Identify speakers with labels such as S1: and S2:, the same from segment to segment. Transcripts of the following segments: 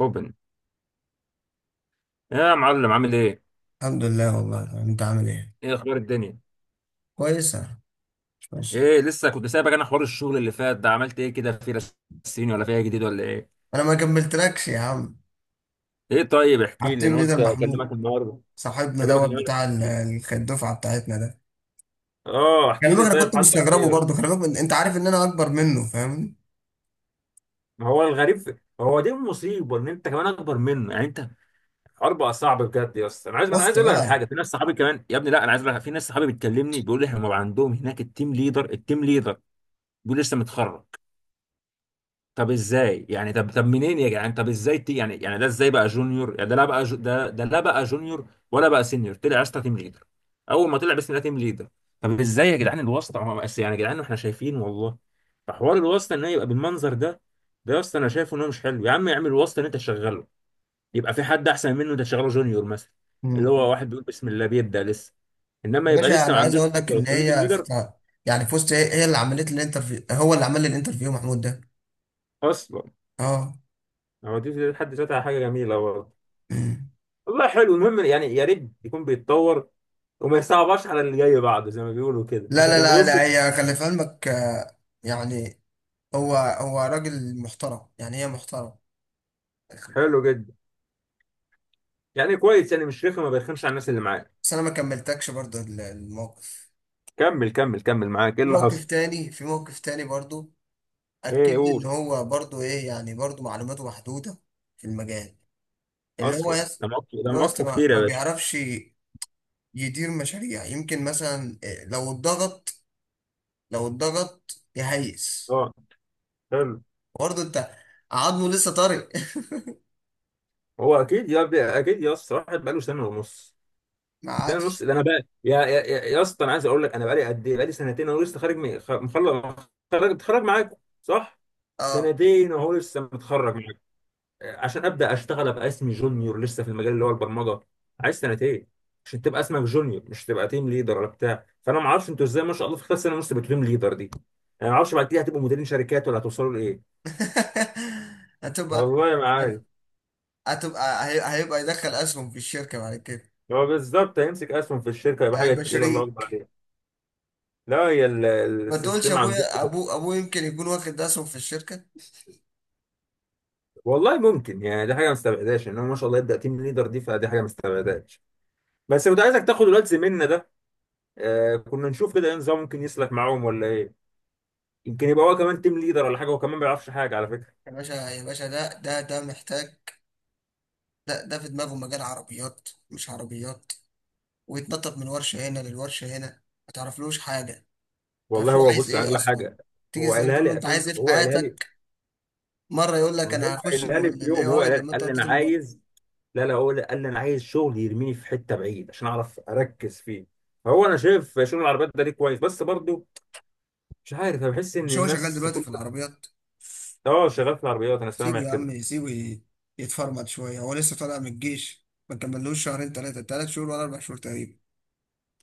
S1: اوبن يا معلم، عامل ايه؟
S2: الحمد لله. والله انت عامل ايه؟
S1: ايه اخبار الدنيا؟
S2: كويسه. مش ماشي.
S1: ايه لسه كنت سايبك. انا حوار الشغل اللي فات ده عملت ايه كده، في رسيني ولا فيها جديد ولا ايه؟
S2: انا ما كملتلكش يا عم،
S1: ايه طيب
S2: على
S1: احكي لي،
S2: التيم
S1: انا
S2: ليدر
S1: قلت
S2: محمود
S1: اكلمك النهارده.
S2: صاحبنا
S1: اكلمك
S2: دوت
S1: النهارده
S2: بتاع
S1: احكي لي.
S2: الدفعه بتاعتنا ده.
S1: اه
S2: خلي
S1: احكي
S2: بالك
S1: لي،
S2: انا
S1: طيب
S2: كنت
S1: حصل
S2: مستغربه برضه،
S1: ايه؟
S2: خلي بالك انت عارف ان انا اكبر منه، فاهمني؟
S1: ما هو الغريب في... هو دي المصيبه، ان انت كمان اكبر منه يعني. انت الحوار بقى صعب بجد يا اسطى. انا عايز
S2: ضغط
S1: اقول لك على
S2: بقى.
S1: حاجه، في ناس صحابي كمان يا ابني. لا انا عايز اقول لك، في ناس صحابي بتكلمني بيقول لي هم عندهم هناك التيم ليدر التيم ليدر، بيقول لسه متخرج. طب ازاي يعني؟ طب منين يا جدعان؟ طب ازاي تي يعني؟ يعني ده ازاي بقى جونيور؟ يعني ده لا بقى جو ده لا بقى جونيور ولا بقى سينيور، طلع اسطى تيم ليدر. اول ما طلع بسم الله تيم ليدر. طب ازاي يا جدعان الواسطه؟ ما هو بس يعني يا جدعان احنا شايفين والله. فحوار الواسطه ان هي يبقى بالمنظر ده، ده يا اسطى انا شايفه ان هو مش حلو. يا عم اعمل واسطه ان انت تشغله، يبقى في حد احسن منه، انت تشغله جونيور مثلا، اللي هو
S2: مم.
S1: واحد بيقول بسم الله بيبدا لسه. انما
S2: يا
S1: يبقى
S2: باشا
S1: لسه ما
S2: انا عايز
S1: عندوش
S2: اقول لك
S1: خبره
S2: ان
S1: وتخليه تيم ليدر
S2: يعني فزت، هي اللي عملت لي الانترفيو، هو اللي عمل لي الانترفيو محمود ده.
S1: اصلا.
S2: اه.
S1: هو دي في حد ذاتها حاجه جميله والله.
S2: مم.
S1: والله حلو، المهم يعني يا ريت يكون بيتطور، وما يصعبش على اللي جاي بعده، زي ما بيقولوا كده
S2: لا
S1: مش
S2: لا لا لا،
S1: هنوصل.
S2: هي خلي في علمك آه، يعني هو راجل محترم، يعني هي محترم.
S1: حلو جدا، يعني كويس، يعني مش رخم، ما بيرخمش على الناس اللي معاه.
S2: بس انا ما كملتكش برضه الموقف.
S1: كمل، معاك ايه
S2: في
S1: اللي
S2: موقف
S1: حصل؟
S2: تاني، في موقف تاني برضه. اكد
S1: ايه
S2: لي ان
S1: قول.
S2: هو برضه ايه، يعني برضه معلوماته محدوده في المجال، اللي هو
S1: اصلا
S2: يس.
S1: ده مواقفه، ده
S2: اللي هو يس
S1: مواقفه
S2: ما
S1: كتير يا
S2: ما
S1: باشا.
S2: بيعرفش يدير مشاريع، يمكن مثلا إيه، لو اتضغط، لو اتضغط يهيس.
S1: اه، حلو.
S2: برضه انت، عظمه لسه طري.
S1: هو اكيد يا ب- اكيد يا اسطى واحد بقاله سنه ونص.
S2: ما
S1: سنه
S2: عادش.
S1: ونص ده؟ انا بقى يا اسطى انا عايز اقول لك، انا بقالي قد ايه؟ بقالي سنتين اهو لسه خارج مخلص، خارج متخرج معاكم، صح؟
S2: اه.
S1: سنتين اهو لسه متخرج عشان ابدا اشتغل ابقى اسمي جونيور لسه في المجال اللي هو البرمجه. عايز سنتين عشان تبقى اسمك جونيور، مش تبقى تيم ليدر ولا بتاع. فانا ما اعرفش انتوا ازاي ما شاء الله في خلال سنه ونص بقيتوا تيم ليدر دي. انا ما اعرفش بعد كده هتبقوا مديرين شركات ولا هتوصلوا لايه.
S2: هتبقى،
S1: والله ما عارف.
S2: هتبقى هيبقى يدخل اسهم في الشركه بعد كده.
S1: هو بالظبط هيمسك اسهم في الشركه، يبقى حاجه
S2: هيبقى
S1: تقيله الله اكبر
S2: شريك.
S1: عليها. لا هي ال-
S2: ما تقولش،
S1: السيستم عندكم.
S2: ابويا ابوه يمكن يكون واخد اسهم في الشركه.
S1: والله ممكن يعني، دي حاجه ما استبعدهاش، ان هو ما شاء الله يبدا تيم ليدر دي، فدي حاجه ما استبعدهاش. بس كنت عايزك تاخد الواد زميلنا ده، آه كنا نشوف كده ايه نظام ممكن يسلك معاهم ولا ايه. يمكن يبقى هو كمان تيم ليدر ولا حاجه، هو كمان ما بيعرفش حاجه على فكره.
S2: يا باشا يا باشا، ده محتاج، ده ده في دماغه مجال عربيات مش عربيات، ويتنطط من ورشه هنا للورشه هنا. ما تعرفلوش حاجه، ما
S1: والله
S2: تعرفش هو
S1: هو
S2: عايز
S1: بص
S2: ايه
S1: اغلى
S2: اصلا.
S1: حاجه.
S2: تيجي
S1: هو
S2: تسأله
S1: قالها
S2: تقول
S1: لي
S2: له انت
S1: اساسا،
S2: عايز ايه في
S1: هو قالها لي.
S2: حياتك، مره يقول لك
S1: ما هو
S2: انا هخش
S1: قالها لي في
S2: الاي
S1: يوم، هو
S2: اي
S1: قالها لي،
S2: لما انت
S1: قال لي انا
S2: وديته المبادره.
S1: عايز. لا لا هو قال لي انا عايز شغل يرميني في حته بعيد عشان اعرف اركز فيه. فهو انا شايف شغل العربيات ده ليه كويس بس برضو مش عارف، انا بحس ان
S2: مش هو شغال
S1: الناس
S2: دلوقتي
S1: كل.
S2: في العربيات؟
S1: اه شغال في العربيات، انا
S2: سيبه
S1: سامع
S2: يا
S1: كده.
S2: عم، يتفرمط شويه، هو لسه طالع من الجيش، ما كملوش شهرين، ثلاثه، ثلاث شهور ولا اربع شهور تقريبا.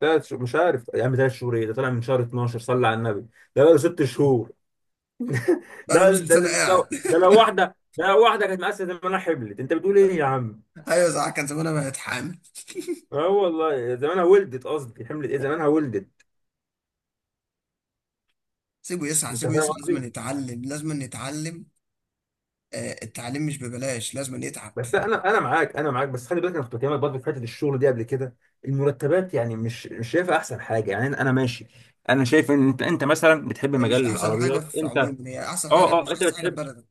S1: تلات شهور- مش عارف يا عم، ثلاث شهور ايه؟ ده طالع من شهر 12، صلى على النبي ده بقى له ست شهور.
S2: بقى له
S1: ده
S2: نص
S1: ده
S2: سنه
S1: ده
S2: قاعد.
S1: لو ده لو واحده، ده لو واحده كانت مقاسه ان انا حملت، انت بتقول ايه يا عم؟
S2: ايوه صح، كان زمانها بقت حامل.
S1: اه والله زمانها ولدت، قصدي حملت، ايه زمانها ولدت.
S2: سيبه يسعى،
S1: انت
S2: سيبه
S1: فاهم
S2: يسعى، لازم
S1: قصدي.
S2: يتعلم لازم يتعلم آه، التعليم مش ببلاش، لازم يتعب.
S1: بس انا معاك، انا معاك، بس خلي بالك انا كنت بكلمك برضه في حته الشغل دي قبل كده. المرتبات يعني مش شايفها احسن حاجه يعني. انا ماشي. انا شايف ان انت مثلا بتحب
S2: هي
S1: مجال
S2: مش احسن حاجه
S1: العربيات،
S2: في
S1: انت اه.
S2: عموم، هي احسن حاجه،
S1: اه
S2: مش
S1: انت
S2: احسن حاجه في
S1: بتحب.
S2: بلدك.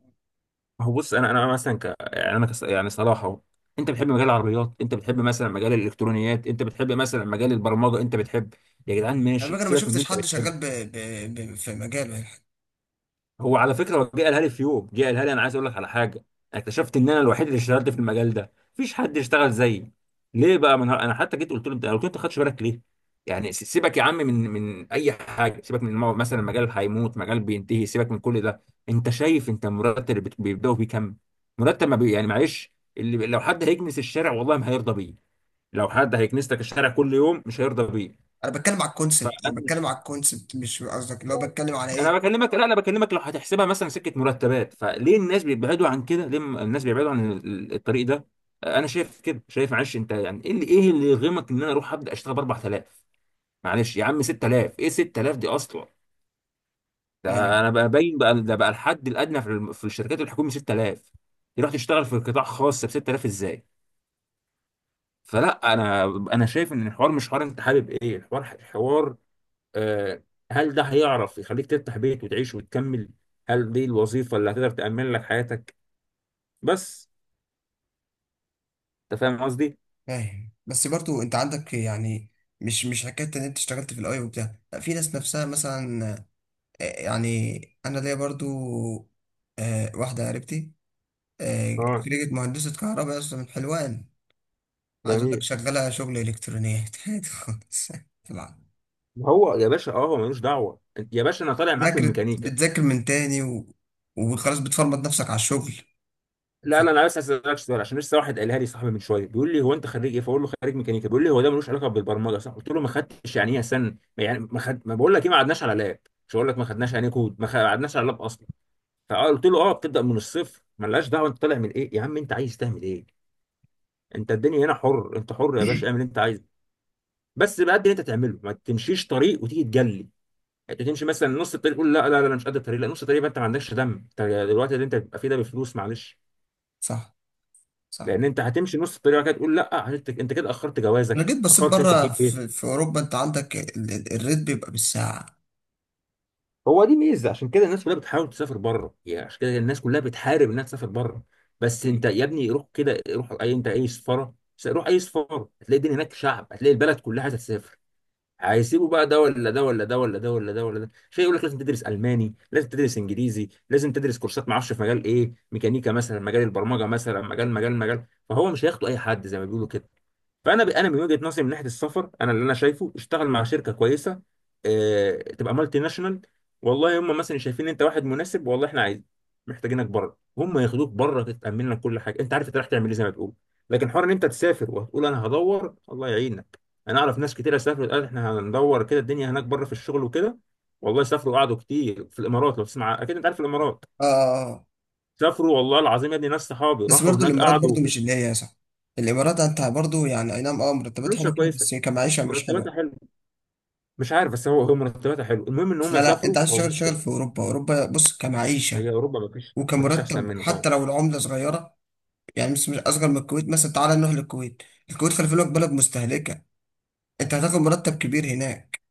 S1: هو بص انا مثلا ك... يعني انا كس... يعني صلاح اهو. انت بتحب مجال العربيات، انت بتحب مثلا مجال الالكترونيات، انت بتحب مثلا مجال البرمجه، انت بتحب. يا جدعان
S2: على
S1: ماشي
S2: فكره انا ما
S1: سيبك من اللي
S2: شفتش
S1: انت
S2: حد شغال
S1: بتحبه.
S2: في مجاله يعني.
S1: هو على فكره هو جه قالها لي في يوم، جه قالها لي انا عايز اقول لك على حاجه، اكتشفت ان انا الوحيد اللي اشتغلت في المجال ده، مفيش حد يشتغل زيي. ليه بقى؟ انا حتى جيت قلت له، انت قلت له انت ما خدتش بالك ليه. يعني س- سيبك يا عم من اي حاجه، سيبك من المو- مثلا مجال هيموت، مجال بينتهي، سيبك من كل ده. انت شايف انت المرتب اللي بت- بيبداوا بيه كام؟ مرتب ما بي... يعني معلش اللي لو حد هيكنس الشارع والله ما هيرضى بيه. لو حد هيكنس لك الشارع كل يوم مش هيرضى بيه.
S2: انا بتكلم على
S1: فانا
S2: الكونسبت، انا بتكلم على الكونسبت، مش قصدك اللي هو بتكلم على
S1: انا
S2: ايه.
S1: بكلمك، لا انا بكلمك، لو هتحسبها مثلا سكه مرتبات، فليه الناس بيبعدوا عن كده؟ ليه م- الناس بيبعدوا عن ال- الطريق ده؟ انا شايف كده، شايف معلش انت يعني، ايه اللي ايه اللي يغمك ان انا اروح ابدا اشتغل ب 4000؟ معلش يا عم، 6000، ايه 6000 دي اصلا؟ ده
S2: ايوه.
S1: انا بقى باين بقى ده بقى الحد الادنى في الم- في الشركات الحكوميه 6000، تروح تشتغل في قطاع خاص ب 6000 ازاي؟ فلا انا، انا شايف ان الحوار مش حوار انت حابب ايه، الحوار حوار آه، هل ده هيعرف يخليك تفتح بيت وتعيش وتكمل؟ هل دي الوظيفة اللي هتقدر تأمن لك حياتك؟ بس انت فاهم قصدي.
S2: فاهم، بس برضو انت عندك يعني، مش حكايه ان انت اشتغلت في الاي وبتاع، لا في ناس نفسها مثلا آه، يعني انا ليا برضو آه، واحده قريبتي آه،
S1: اه
S2: خريجة مهندسة كهرباء أصلا من حلوان. عايز أقول لك
S1: جميل.
S2: شغالة شغل إلكترونيات عادي خالص. طبعا.
S1: هو يا باشا اه هو ملوش دعوه أنت- يا باشا انا طالع معاك من
S2: ذاكرت،
S1: ميكانيكا.
S2: بتذاكر من تاني و... وخلاص، بتفرمط نفسك على الشغل. ف...
S1: لا لا انا بس عايز اسالك سؤال، عشان لسه واحد قالها لي صاحبي من شويه بيقول لي، هو انت خريج ايه؟ فاقول له خريج ميكانيكا، بيقول لي هو ده ملوش علاقه بالبرمجه صح؟ قلت له ما خدتش يعني ايه سن يعني ما خد، ما بقول لك ايه، ما قعدناش على لاب. مش هقول لك ما خدناش يعني إيه كود، ما قعدناش على لاب اصلا. فقلت له اه بتبدا من الصفر، ملهاش دعوه انت طالع من ايه، يا عم انت عايز تعمل ايه؟ انت الدنيا هنا حر، انت حر يا باشا، اعمل اللي انت عايزه، بس بقد اللي انت تعمله، ما تمشيش طريق وتيجي تجلي. انت تمشي مثلا نص الطريق تقول لا أنا مش قد الطريق، لا نص الطريق يبقى انت ما عندكش دم انت. دلوقتي اللي انت بتبقى فيه ده بفلوس معلش،
S2: صح. صح.
S1: لان انت هتمشي نص الطريق وبعد كده تقول لا، عشان انت انت كده اخرت
S2: أنا
S1: جوازك،
S2: جيت بصيت
S1: اخرت انت
S2: بره
S1: تجيب بيت.
S2: في أوروبا، أنت عندك الريت بيبقى بالساعة.
S1: هو دي ميزه، عشان كده الناس كلها بتحاول تسافر بره، يعني عشان كده الناس كلها بتحارب انها تسافر بره. بس انت
S2: مم.
S1: يا ابني روح كده، روح اي انت اي سفاره، روح اي سفاره هتلاقي الدنيا هناك شعب، هتلاقي البلد كلها تسافر. هيسيبوا بقى ده ولا ده ولا ده ولا ده ولا ده ولا ده شيء يقول لك لازم تدرس الماني، لازم تدرس انجليزي، لازم تدرس كورسات ما اعرفش في مجال ايه، ميكانيكا مثلا، مجال البرمجه مثلا، مجال. فهو مش هياخدوا اي حد زي ما بيقولوا كده. فانا ب... انا من وجهه نظري من ناحيه السفر، انا اللي انا شايفه اشتغل مع شركه كويسه، اه... تبقى مالتي ناشونال، والله هم مثلا شايفين انت واحد مناسب، والله احنا عايزين محتاجينك بره، هم ياخدوك بره، تتامن لك كل حاجه، انت عارف انت رايح تعمل ايه زي ما تقول. لكن حوار ان انت تسافر وهتقول انا هدور، الله يعينك. انا اعرف ناس كتير سافرت قالت احنا هندور كده الدنيا هناك بره في الشغل وكده، والله سافروا وقعدوا كتير في الامارات، لو تسمع اكيد انت عارف الامارات.
S2: آه آه، آه.
S1: سافروا والله العظيم يا ابني، ناس صحابي
S2: بس
S1: راحوا
S2: برضو
S1: هناك
S2: الإمارات،
S1: قعدوا.
S2: برضو مش اللي هي صح. الإمارات أنت برضو يعني أي نعم، أه مرتبات حلوة
S1: فلوسها
S2: فيها،
S1: كويسه،
S2: بس هي كمعيشة مش
S1: مرتباتها
S2: حلوة.
S1: حلوه. مش عارف بس هو مرتباتها حلو، المهم ان هم
S2: لا لا، أنت
S1: سافروا
S2: عايز
S1: والله.
S2: تشتغل شغل في أوروبا. أوروبا بص كمعيشة،
S1: هي اوروبا ما فيش
S2: وكان
S1: ما فيش احسن
S2: مرتب
S1: منها اه.
S2: حتى لو العملة صغيرة، يعني مش أصغر من الكويت مثلا. تعالى نروح للكويت، الكويت خلي بالك بلد مستهلكة، أنت هتاخد مرتب كبير هناك،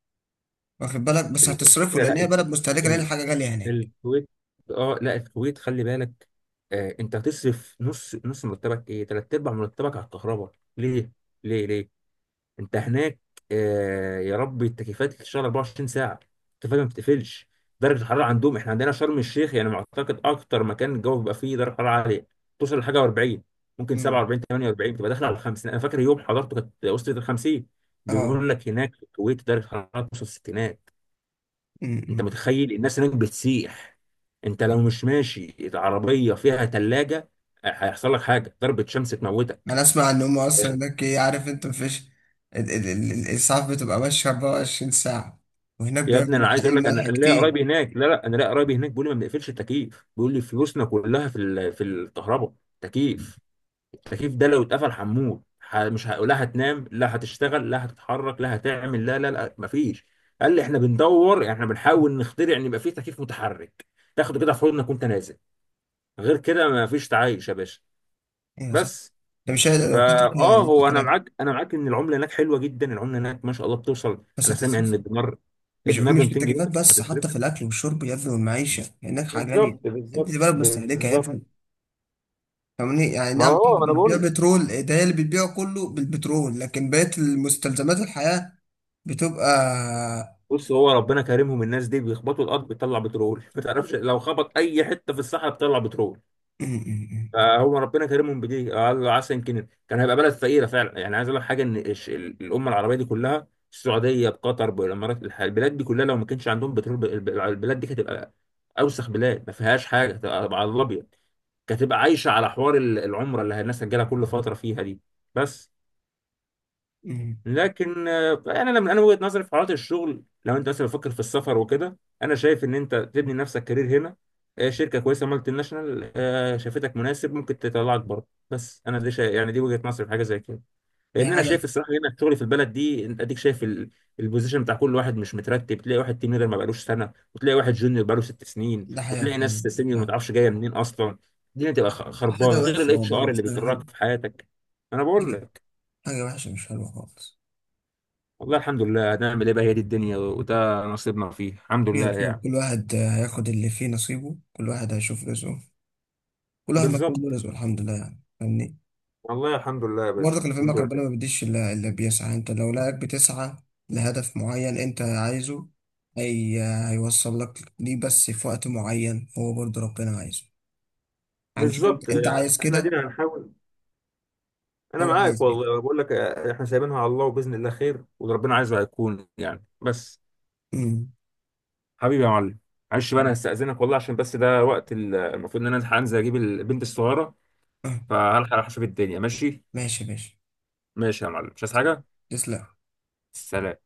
S2: واخد بالك، بس
S1: ال-
S2: هتصرفه
S1: الفكره،
S2: لأن
S1: لا
S2: هي
S1: الك-
S2: بلد مستهلكة، لأن
S1: ال-
S2: الحاجة غالية هناك.
S1: الكويت، اه لا الكويت خلي بالك. آه انت هتصرف نص مرتبك، ايه تلات ارباع مرتبك على الكهرباء. ليه انت هناك؟ آه يا رب، التكييفات بتشتغل 24 ساعه، التكييفات ما بتقفلش. درجه الحراره عندهم، احنا عندنا شرم الشيخ يعني معتقد اكتر مكان الجو بيبقى فيه درجه حراره عاليه، توصل لحاجه 40، ممكن
S2: مم.
S1: 47، 48، تبقى داخله على 50. انا فاكر يوم حضرته كانت وصلت ل 50.
S2: اه.
S1: بيقول لك هناك في الكويت درجه الحراره توصل الستينات. انت
S2: أمم.
S1: متخيل الناس هناك بتسيح؟ انت لو
S2: أمم.
S1: مش ماشي العربيه فيها ثلاجه هيحصل لك حاجه ضربه شمس تموتك.
S2: أنا أسمع إن هم أصلا هناك إيه، عارف أنت، مفيش الإسعاف بتبقى ماشية 24 ساعة، وهناك
S1: يا ابني
S2: بياكلوا
S1: انا عايز
S2: حليب
S1: اقول لك،
S2: ملح
S1: انا ليا
S2: كتير.
S1: قرايبي هناك، لا لا انا ليا قرايبي هناك بيقول لي ما بنقفلش التكييف، بيقول لي فلوسنا كلها في ال- في الكهرباء. تكييف، التكييف ده لو اتقفل هنموت، ح- مش ه... لا هتنام، لا هتشتغل، لا هتتحرك، لا هتعمل، لا مفيش. قال لي احنا بندور يعني احنا بنحاول نخترع ان يبقى فيه تكييف متحرك، تاخده كده في حضنك وانت نازل، غير كده مفيش تعايش يا باشا.
S2: ايوه صح.
S1: بس
S2: ده مش هيقدر
S1: فا
S2: لو كنت فيها
S1: اه
S2: يعني نفس
S1: هو انا
S2: الكلام.
S1: معاك، انا معاك ان العمله هناك حلوه جدا، العمله هناك ما شاء الله بتوصل،
S2: بس
S1: انا سامع ان
S2: هتصرف،
S1: الدينار،
S2: مش
S1: الدينار ب
S2: مش في
S1: 200 جنيه،
S2: التكليفات
S1: بس
S2: بس،
S1: هتصرف.
S2: حتى في الاكل والشرب يا ابني والمعيشه، لانك حاجه
S1: بالظبط
S2: غاليه. انت دي
S1: بالظبط
S2: بلد مستهلكه يا
S1: بالظبط
S2: ابني، فاهمني؟ يعني
S1: ما
S2: نعم في
S1: هو انا
S2: بتبيع
S1: بقول
S2: بترول، ده هي اللي بتبيعه كله بالبترول، لكن بقية المستلزمات الحياة بتبقى
S1: بص هو ربنا كريمهم، الناس دي بيخبطوا الارض بتطلع بترول ما تعرفش لو خبط اي حته في الصحراء بتطلع بترول.
S2: م- م-
S1: فهو ربنا كريمهم، بدي قال عسى يمكن كان هيبقى بلد فقيره فعلا. يعني عايز اقول لك حاجه، ان الش- ال- الامه العربيه دي كلها، السعوديه بقطر بالامارات الح- البلاد دي كلها لو ما كانش عندهم بترول ب- الب- البلاد دي كانت هتبقى اوسخ بلاد، ما فيهاش حاجه، هتبقى على الابيض. كانت هتبقى عايشه على حوار ال- العمره اللي الناس هتجيلها كل فتره فيها دي، بس.
S2: م- م.
S1: لكن آه، انا لما انا وجهة نظري في حالات الشغل لو انت مثلا بتفكر في السفر وكده، انا شايف ان انت تبني لنفسك كارير هنا، آه، شركه كويسه مالتي ناشونال آه، شافتك مناسب ممكن تطلعك بره، بس انا دي شا... يعني دي وجهة نظري في حاجه زي كده. لان
S2: هي
S1: انا
S2: حاجة.
S1: شايف الصراحه هنا شغلي في البلد دي انت اديك شايف ال... البوزيشن بتاع كل واحد مش مترتب، تلاقي واحد تيم ليدر ما بقالوش سنه، وتلاقي واحد جونيور بقاله ست سنين،
S2: ده حاجة
S1: وتلاقي ناس
S2: فعلا،
S1: سينيور ما
S2: فعلا.
S1: تعرفش جايه منين اصلا. الدنيا تبقى خ-
S2: حاجة
S1: خربانه غير
S2: وحشة
S1: الاتش
S2: والله،
S1: ار اللي
S2: مش حاجة حلوة.
S1: بيكرهك في حياتك. انا
S2: حاجة،
S1: بقول
S2: حاجة وحشة، مش حلوة خالص.
S1: والله الحمد لله، هنعمل ايه بقى، هي دي الدنيا، وده نصيبنا فيه، الحمد لله
S2: خير خير،
S1: يعني.
S2: كل واحد آه، هياخد اللي فيه نصيبه، كل واحد هيشوف رزقه، كل واحد مكتوب
S1: بالظبط،
S2: له رزقه الحمد لله، يعني فاهمني.
S1: والله الحمد لله يا
S2: برضه
S1: باشا
S2: خلي في
S1: الحمد
S2: علمك،
S1: لله.
S2: ربنا ما بيديش إلا اللي بيسعى. أنت لو لقاك بتسعى لهدف معين أنت عايزه، هي هيوصل لك ليه، بس في وقت معين هو برضه ربنا عايزه. يعني شوف
S1: بالظبط
S2: أنت، أنت
S1: يعني،
S2: عايز
S1: احنا
S2: كده،
S1: دينا هنحاول. انا
S2: هو
S1: معاك
S2: عايز كده.
S1: والله بقول لك آه، احنا سايبينها على الله، وباذن الله خير، واللي ربنا عايزه هيكون يعني، بس.
S2: امم.
S1: حبيبي يا معلم، معلش بقى انا هستأذنك والله، عشان بس ده وقت ال- المفروض ان انا هنزل اجيب البنت الصغيره،
S2: آه،
S1: فهلحق اشوف الدنيا ماشي.
S2: ماشي يا باشا،
S1: ماشي يا معلم، مش عايز حاجه.
S2: تسلم.
S1: سلام.